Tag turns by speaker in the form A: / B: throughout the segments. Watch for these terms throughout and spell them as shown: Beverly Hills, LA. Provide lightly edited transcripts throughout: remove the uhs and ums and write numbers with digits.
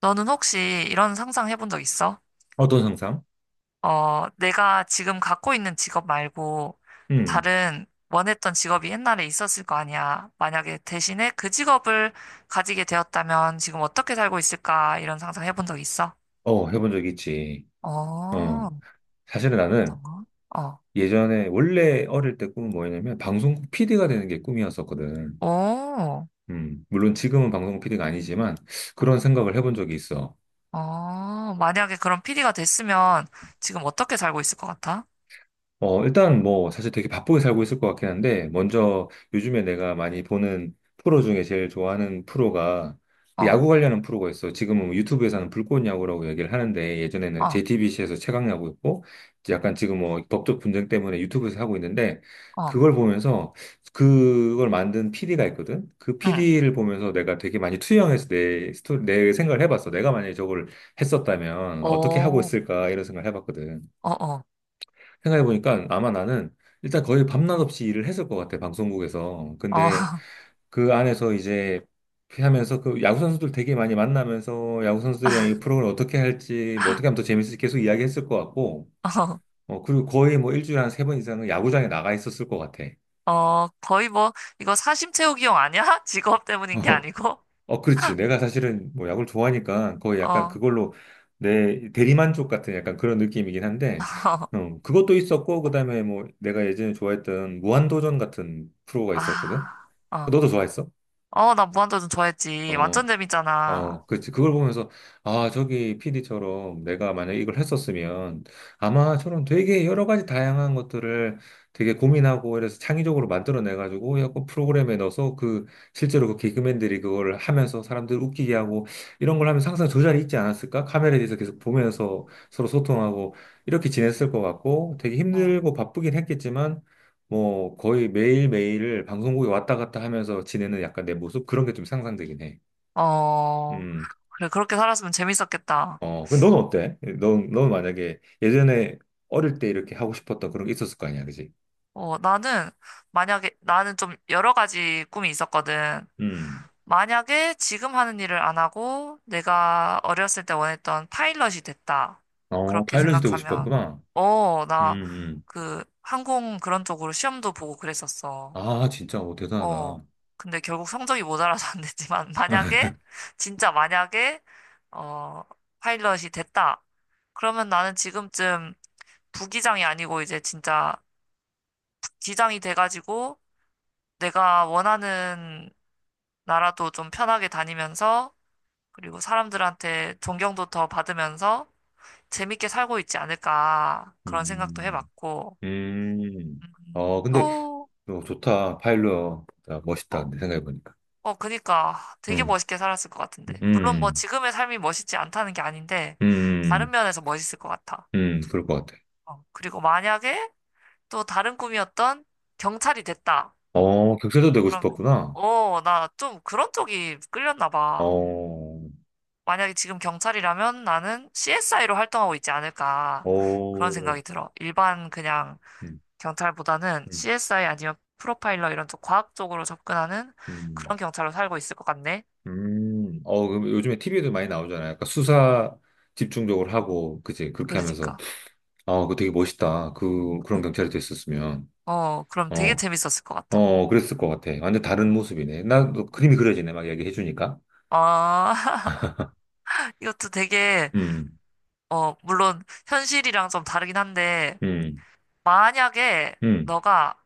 A: 너는 혹시 이런 상상 해본 적 있어?
B: 어떤 상상?
A: 어, 내가 지금 갖고 있는 직업 말고
B: 음,
A: 다른 원했던 직업이 옛날에 있었을 거 아니야. 만약에 대신에 그 직업을 가지게 되었다면 지금 어떻게 살고 있을까? 이런 상상 해본 적 있어?
B: 해본 적 있지.
A: 어,
B: 어, 사실은 나는
A: 어떤 거? 어,
B: 예전에 원래 어릴 때 꿈은 뭐였냐면 방송국 PD가 되는 게 꿈이었었거든.
A: 오,
B: 물론 지금은 방송국 PD가 아니지만 그런
A: 어,
B: 생각을 해본 적이 있어.
A: 어, 만약에 그런 PD가 됐으면 지금 어떻게 살고 있을 것 같아?
B: 일단 뭐 사실 되게 바쁘게 살고 있을 것 같긴 한데 먼저 요즘에 내가 많이 보는 프로 중에 제일 좋아하는 프로가 그
A: 어,
B: 야구 관련한 프로가 있어. 지금은 뭐 유튜브에서는 불꽃 야구라고 얘기를 하는데 예전에는
A: 어,
B: JTBC에서 최강 야구였고 이제 약간 지금 뭐 법적 분쟁 때문에 유튜브에서 하고 있는데
A: 어,
B: 그걸 보면서 그걸 만든 PD가 있거든. 그
A: 응.
B: PD를 보면서 내가 되게 많이 투영해서 내 스토리, 내 생각을 해봤어. 내가 만약에 저걸 했었다면 어떻게 하고
A: 오,
B: 있을까 이런 생각을 해봤거든.
A: 어, 어,
B: 생각해보니까 아마 나는 일단 거의 밤낮 없이 일을 했을 것 같아, 방송국에서.
A: 어,
B: 근데 그 안에서 이제 하면서 그 야구 선수들 되게 많이 만나면서 야구 선수들이랑 이 프로그램 어떻게 할지 뭐 어떻게 하면 더 재밌을지 계속 이야기했을 것 같고
A: 어.
B: 그리고 거의 뭐 일주일에 한 세 번 이상은 야구장에 나가 있었을 것 같아.
A: 어, 거의 뭐, 이거 사심 채우기용 아니야? 직업 때문인 게 아니고?
B: 어, 그렇지. 내가 사실은 뭐 야구를 좋아하니까 거의 약간
A: 어,
B: 그걸로 내 대리만족 같은 약간 그런 느낌이긴 한데, 그것도 있었고, 그 다음에 뭐 내가 예전에 좋아했던 무한도전 같은 프로가 있었거든?
A: 아, 어.
B: 너도 좋아했어?
A: 어, 나 무한도전 좋아했지.
B: 어,
A: 완전 재밌잖아.
B: 어, 그치. 그걸 보면서, 아, 저기 PD처럼 내가 만약에 이걸 했었으면 아마 저런 되게 여러 가지 다양한 것들을 되게 고민하고 이래서 창의적으로 만들어내가지고 약간 프로그램에 넣어서 그 실제로 그 개그맨들이 그걸 하면서 사람들 웃기게 하고 이런 걸 하면서 항상 저 자리에 있지 않았을까? 카메라에 대해서 계속 보면서 서로 소통하고 이렇게 지냈을 것 같고 되게
A: 응.
B: 힘들고 바쁘긴 했겠지만 뭐 거의 매일매일을 방송국에 왔다 갔다 하면서 지내는 약간 내 모습 그런 게 좀 상상되긴 해.
A: 어,
B: 음.
A: 그래, 그렇게 살았으면 재밌었겠다.
B: 근데 넌 어때? 넌 만약에 예전에 어릴 때 이렇게 하고 싶었던 그런 게 있었을 거 아니야, 그지?
A: 어, 나는, 만약에, 나는 좀 여러 가지 꿈이 있었거든.
B: 음.
A: 만약에 지금 하는 일을 안 하고 내가 어렸을 때 원했던 파일럿이 됐다.
B: 어,
A: 그렇게
B: 파일럿이 되고
A: 생각하면,
B: 싶었구나.
A: 어,
B: 음,
A: 나
B: 음.
A: 그 항공 그런 쪽으로 시험도 보고 그랬었어.
B: 아, 진짜, 어,
A: 어,
B: 대단하다.
A: 근데 결국 성적이 모자라서 안 됐지만, 만약에, 진짜 만약에, 어, 파일럿이 됐다. 그러면 나는 지금쯤 부기장이 아니고 이제 진짜 기장이 돼가지고 내가 원하는 나라도 좀 편하게 다니면서, 그리고 사람들한테 존경도 더 받으면서 재밌게 살고 있지 않을까. 그런 생각도
B: 음,
A: 해봤고,
B: 음. 어, 근데,
A: 또,
B: 어, 좋다. 파일럿. 야, 멋있다.
A: 어,
B: 근데 생각해보니까.
A: 어, 그니까 되게
B: 음,
A: 멋있게 살았을 것 같은데. 물론 뭐
B: 음,
A: 지금의 삶이 멋있지 않다는 게 아닌데, 다른
B: 음,
A: 면에서 멋있을 것 같아.
B: 그럴 것 같아.
A: 어, 그리고 만약에 또 다른 꿈이었던 경찰이 됐다.
B: 어, 격세도 되고
A: 그러면,
B: 싶었구나.
A: 어, 나 좀 그런 쪽이 끌렸나 봐.
B: 어,
A: 만약에 지금 경찰이라면 나는 CSI로 활동하고 있지 않을까. 그런
B: 어,
A: 생각이 들어. 일반 그냥
B: 음,
A: 경찰보다는
B: 음,
A: CSI 아니면 프로파일러 이런 쪽 과학 쪽으로 접근하는
B: 음.
A: 그런 경찰로 살고 있을 것 같네.
B: 그럼 요즘에 TV에도 많이 나오잖아요. 약간 수사 집중적으로 하고, 그치? 그렇게 하면서.
A: 그러니까.
B: 아, 그거 되게 멋있다. 그런 경찰이 됐었으면.
A: 어, 그럼 되게
B: 어,
A: 재밌었을 것 같아.
B: 어, 그랬을 것 같아. 완전 다른 모습이네. 나도 그림이 그려지네. 막 얘기해주니까.
A: 아, 이것도 되게,
B: 음,
A: 어, 물론 현실이랑 좀 다르긴 한데,
B: 음,
A: 만약에
B: 음.
A: 너가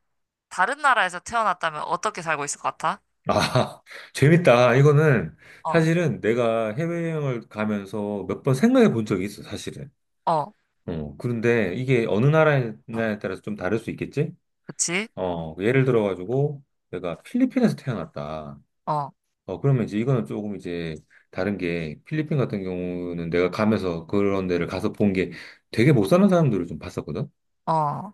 A: 다른 나라에서 태어났다면 어떻게 살고 있을 것 같아?
B: 아, 재밌다. 이거는
A: 어,
B: 사실은 내가 해외여행을 가면서 몇 번 생각해 본 적이 있어, 사실은.
A: 어,
B: 그런데 이게 어느 나라에 따라서 좀 다를 수 있겠지?
A: 그치?
B: 예를 들어가지고, 내가 필리핀에서 태어났다.
A: 어,
B: 그러면 이제 이거는 조금 이제 다른 게 필리핀 같은 경우는 내가 가면서 그런 데를 가서 본 게 되게 못 사는 사람들을 좀 봤었거든?
A: 어,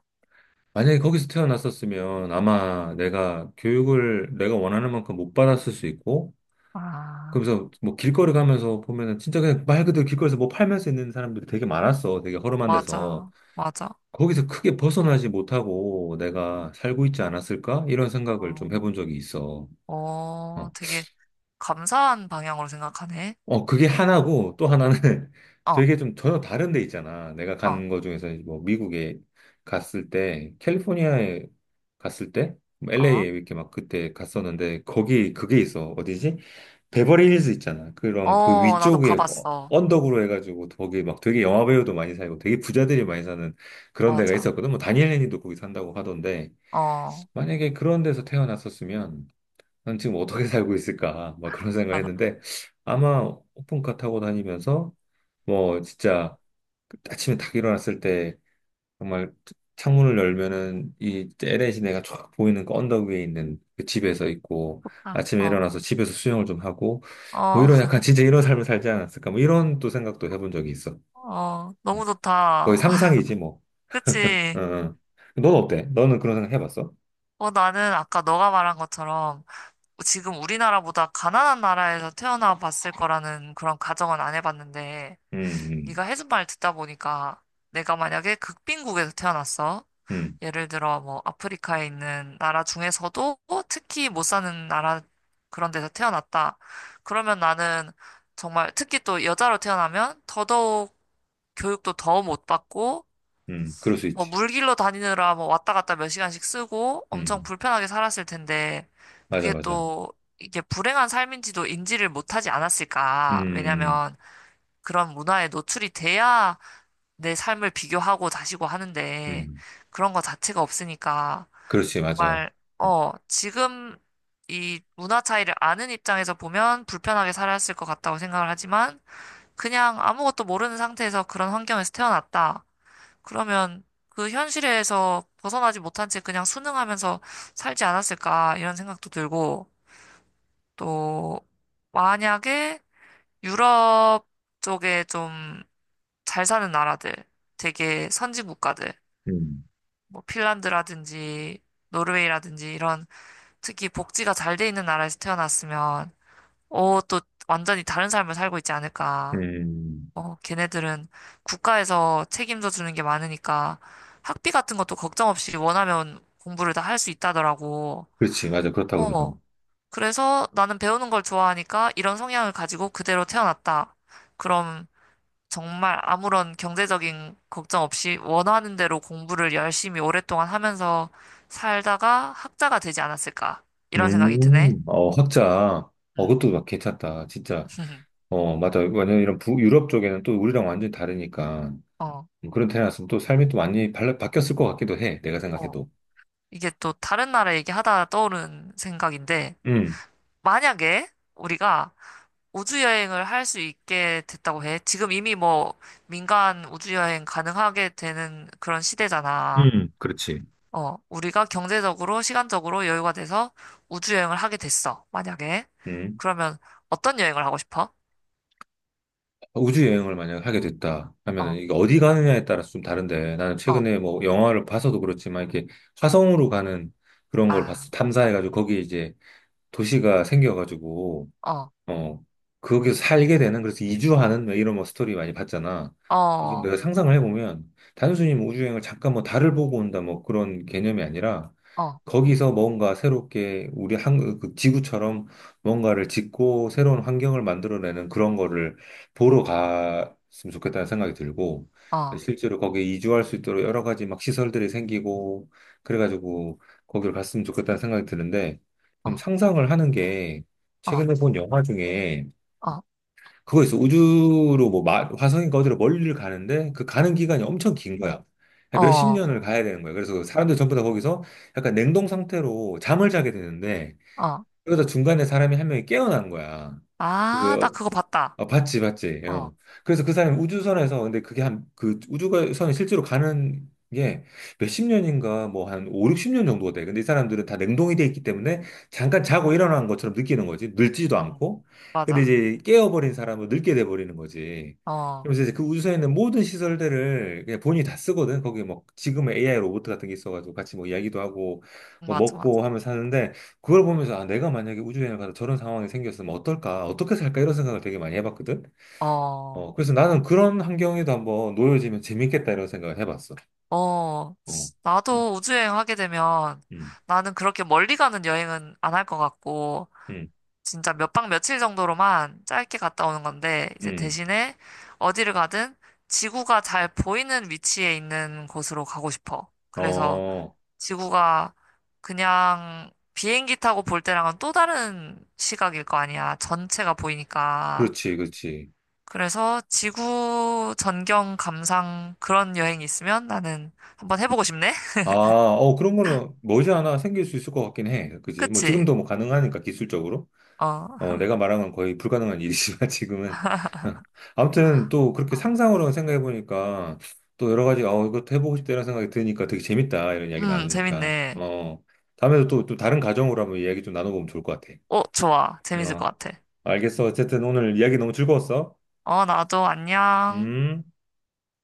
B: 만약에 거기서 태어났었으면 아마 내가 교육을 내가 원하는 만큼 못 받았을 수 있고,
A: 아,
B: 그러면서 뭐 길거리 가면서 보면은 진짜 그냥 말 그대로 길거리에서 뭐 팔면서 있는 사람들이 되게 많았어. 되게 허름한 데서.
A: 맞아, 맞아.
B: 거기서 크게 벗어나지 못하고 내가 살고 있지 않았을까? 이런 생각을 좀
A: 어,
B: 해본 적이 있어.
A: 어,
B: 어.
A: 되게 감사한 방향으로 생각하네.
B: 그게 하나고 또 하나는
A: 어,
B: 되게 좀 전혀 다른 데 있잖아. 내가
A: 어,
B: 간 거 중에서 이제 뭐 미국에 갔을 때, 캘리포니아에 갔을 때,
A: 어.
B: LA에 이렇게 막 그때 갔었는데, 거기 그게 있어. 어디지? 베버리힐즈 있잖아. 그럼 그
A: 어, 나도
B: 위쪽에 뭐
A: 가봤어.
B: 언덕으로 해가지고 거기 막 되게 영화 배우도 많이 살고 되게 부자들이 많이 사는 그런 데가
A: 맞아.
B: 있었거든. 뭐 다니엘 레니도 거기 산다고 하던데,
A: 어,
B: 만약에 그런 데서 태어났었으면 난 지금 어떻게 살고 있을까? 막 그런 생각을 했는데 아마 오픈카 타고 다니면서 뭐 진짜 아침에 딱 일어났을 때 정말 창문을 열면은 이 LA 시내가 쫙 보이는 그 언덕 위에 있는 그 집에서 있고
A: 아,
B: 아침에
A: 어,
B: 일어나서 집에서 수영을 좀 하고 뭐
A: 어,
B: 이런 약간 진짜 이런 삶을 살지 않았을까? 뭐 이런 또 생각도 해본 적이 있어.
A: 어,
B: 어,
A: 너무
B: 거의
A: 좋다.
B: 상상이지 뭐.
A: 그치?
B: 응. 응. 넌 어때? 너는 그런 생각 해봤어?
A: 어, 나는 아까 너가 말한 것처럼 지금 우리나라보다 가난한 나라에서 태어나 봤을 거라는 그런 가정은 안 해봤는데,
B: 음, 음,
A: 네가 해준 말 듣다 보니까 내가 만약에 극빈국에서 태어났어.
B: 음,
A: 예를 들어 뭐 아프리카에 있는 나라 중에서도 특히 못 사는 나라 그런 데서 태어났다. 그러면 나는 정말 특히 또 여자로 태어나면 더더욱 교육도 더 못 받고
B: 그럴 수
A: 뭐
B: 있지.
A: 물길로 다니느라 뭐 왔다 갔다 몇 시간씩 쓰고 엄청
B: 음,
A: 불편하게 살았을 텐데
B: 맞아,
A: 그게
B: 맞아.
A: 또 이게 불행한 삶인지도 인지를 못하지 않았을까?
B: 음.
A: 왜냐면 그런 문화에 노출이 돼야 내 삶을 비교하고 다시고 하는데
B: 음,
A: 그런 거 자체가 없으니까
B: 그렇지, 맞아.
A: 정말 어 지금 이 문화 차이를 아는 입장에서 보면 불편하게 살았을 것 같다고 생각을 하지만 그냥 아무것도 모르는 상태에서 그런 환경에서 태어났다. 그러면 그 현실에서 벗어나지 못한 채 그냥 순응하면서 살지 않았을까 이런 생각도 들고 또 만약에 유럽 쪽에 좀 잘 사는 나라들 되게 선진 국가들
B: 음,
A: 뭐 핀란드라든지 노르웨이라든지 이런 특히 복지가 잘 돼 있는 나라에서 태어났으면 어 또 완전히 다른 삶을 살고 있지 않을까
B: 음,
A: 어, 걔네들은 국가에서 책임져 주는 게 많으니까 학비 같은 것도 걱정 없이 원하면 공부를 다 할 수 있다더라고.
B: 그렇지, 맞아. 그렇다고 하더라고.
A: 어. 그래서 나는 배우는 걸 좋아하니까 이런 성향을 가지고 그대로 태어났다. 그럼 정말 아무런 경제적인 걱정 없이 원하는 대로 공부를 열심히 오랫동안 하면서 살다가 학자가 되지 않았을까. 이런 생각이 드네.
B: 헛자.
A: 음.
B: 그것도 막 괜찮다. 진짜. 어, 맞아. 완전 이런 유럽 쪽에는 또 우리랑 완전히 다르니까.
A: 어,
B: 그런 태어났으면 또 삶이 또 많이 바뀌었을 것 같기도 해. 내가
A: 어.
B: 생각해도.
A: 이게 또 다른 나라 얘기하다 떠오른 생각인데,
B: 음,
A: 만약에 우리가 우주 여행을 할 수 있게 됐다고 해. 지금 이미 뭐 민간 우주 여행 가능하게 되는 그런 시대잖아.
B: 그렇지.
A: 어, 우리가 경제적으로, 시간적으로 여유가 돼서 우주 여행을 하게 됐어. 만약에.
B: 음.
A: 그러면 어떤 여행을 하고 싶어?
B: 우주 여행을 만약 하게 됐다 하면은
A: 어,
B: 이게 어디 가느냐에 따라서 좀 다른데 나는
A: 어,
B: 최근에 뭐 영화를 봐서도 그렇지만 이렇게 화성으로 가는 그런 걸
A: 아,
B: 봤어. 탐사해가지고 거기 이제 도시가 생겨가지고,
A: 어,
B: 어, 거기서 살게 되는, 그래서 이주하는 뭐 이런 뭐 스토리 많이 봤잖아.
A: 어,
B: 그래서
A: 어,
B: 내가 상상을 해보면, 단순히 뭐 우주여행을 잠깐 뭐 달을 보고 온다 뭐 그런 개념이 아니라,
A: 어,
B: 거기서 뭔가 새롭게 우리 그 지구처럼 뭔가를 짓고 새로운 환경을 만들어내는 그런 거를 보러 갔으면 좋겠다는 생각이 들고,
A: 어,
B: 실제로 거기에 이주할 수 있도록 여러 가지 막 시설들이 생기고, 그래가지고 거기를 갔으면 좋겠다는 생각이 드는데, 좀 상상을 하는 게,
A: 어,
B: 최근에 본 영화 중에
A: 어,
B: 그거 있어. 우주로 뭐 화성인가 어디로 멀리를 가는데 그 가는 기간이 엄청 긴 거야. 한 몇십
A: 어,
B: 년을 가야 되는 거야. 그래서 사람들 전부 다 거기서 약간 냉동 상태로 잠을 자게 되는데
A: 어.
B: 그러다 중간에 사람이 한 명이 깨어난 거야.
A: 아, 나
B: 그
A: 그거 봤다.
B: 아, 봤지, 봤지.
A: 어,
B: 어. 그래서 그 사람이 우주선에서, 근데 그게 그 우주선이 실제로 가는 게 몇 십 년인가, 뭐 한 5, 60년 정도가 돼. 근데 이 사람들은 다 냉동이 돼 있기 때문에 잠깐 자고 일어난 것처럼 느끼는 거지. 늙지도
A: 응,
B: 않고. 근데
A: 맞아.
B: 이제 깨어버린 사람은 늙게 돼버리는 거지.
A: 어,
B: 그러면서 이제 그 우주선에 있는 모든 시설들을 그냥 본인이 다 쓰거든. 거기 뭐 지금의 AI 로봇 같은 게 있어가지고 같이 뭐 이야기도 하고, 뭐
A: 맞아, 맞아.
B: 먹고 하면서 사는데 그걸 보면서 아 내가 만약에 우주여행을 가서 저런 상황이 생겼으면 어떨까 어떻게 살까 이런 생각을 되게 많이 해봤거든
A: 어.
B: 그래서 나는 그런 환경에도 한번 놓여지면 재밌겠다 이런 생각을 해봤어
A: 어,
B: 어
A: 나도 우주여행 하게 되면
B: 음,
A: 나는 그렇게 멀리 가는 여행은 안 할 것 같고,
B: 음,
A: 진짜 몇 박 며칠 정도로만 짧게 갔다 오는 건데, 이제
B: 음.
A: 대신에 어디를 가든 지구가 잘 보이는 위치에 있는 곳으로 가고 싶어. 그래서
B: 어,
A: 지구가 그냥 비행기 타고 볼 때랑은 또 다른 시각일 거 아니야. 전체가 보이니까.
B: 그렇지, 그렇지.
A: 그래서 지구 전경 감상 그런 여행이 있으면 나는 한번 해보고 싶네.
B: 아, 그런 거는 머지않아 생길 수 있을 것 같긴 해. 그지? 뭐,
A: 그치?
B: 지금도 뭐 가능하니까, 기술적으로.
A: 어, 어.
B: 내가 말한 건 거의 불가능한 일이지만 지금은 아무튼 또 그렇게 상상으로 생각해 보니까 또 여러 가지 어 이것도 해보고 싶다라는 생각이 드니까 되게 재밌다 이런 이야기 나누니까
A: 재밌네.
B: 어 다음에도 또, 또 다른 가정으로 한번 이야기 좀 나눠보면 좋을 것 같아.
A: 어, 좋아. 재밌을
B: 어
A: 것 같아.
B: 알겠어 어쨌든 오늘 이야기 너무 즐거웠어.
A: 어, 나도 안녕.
B: 음.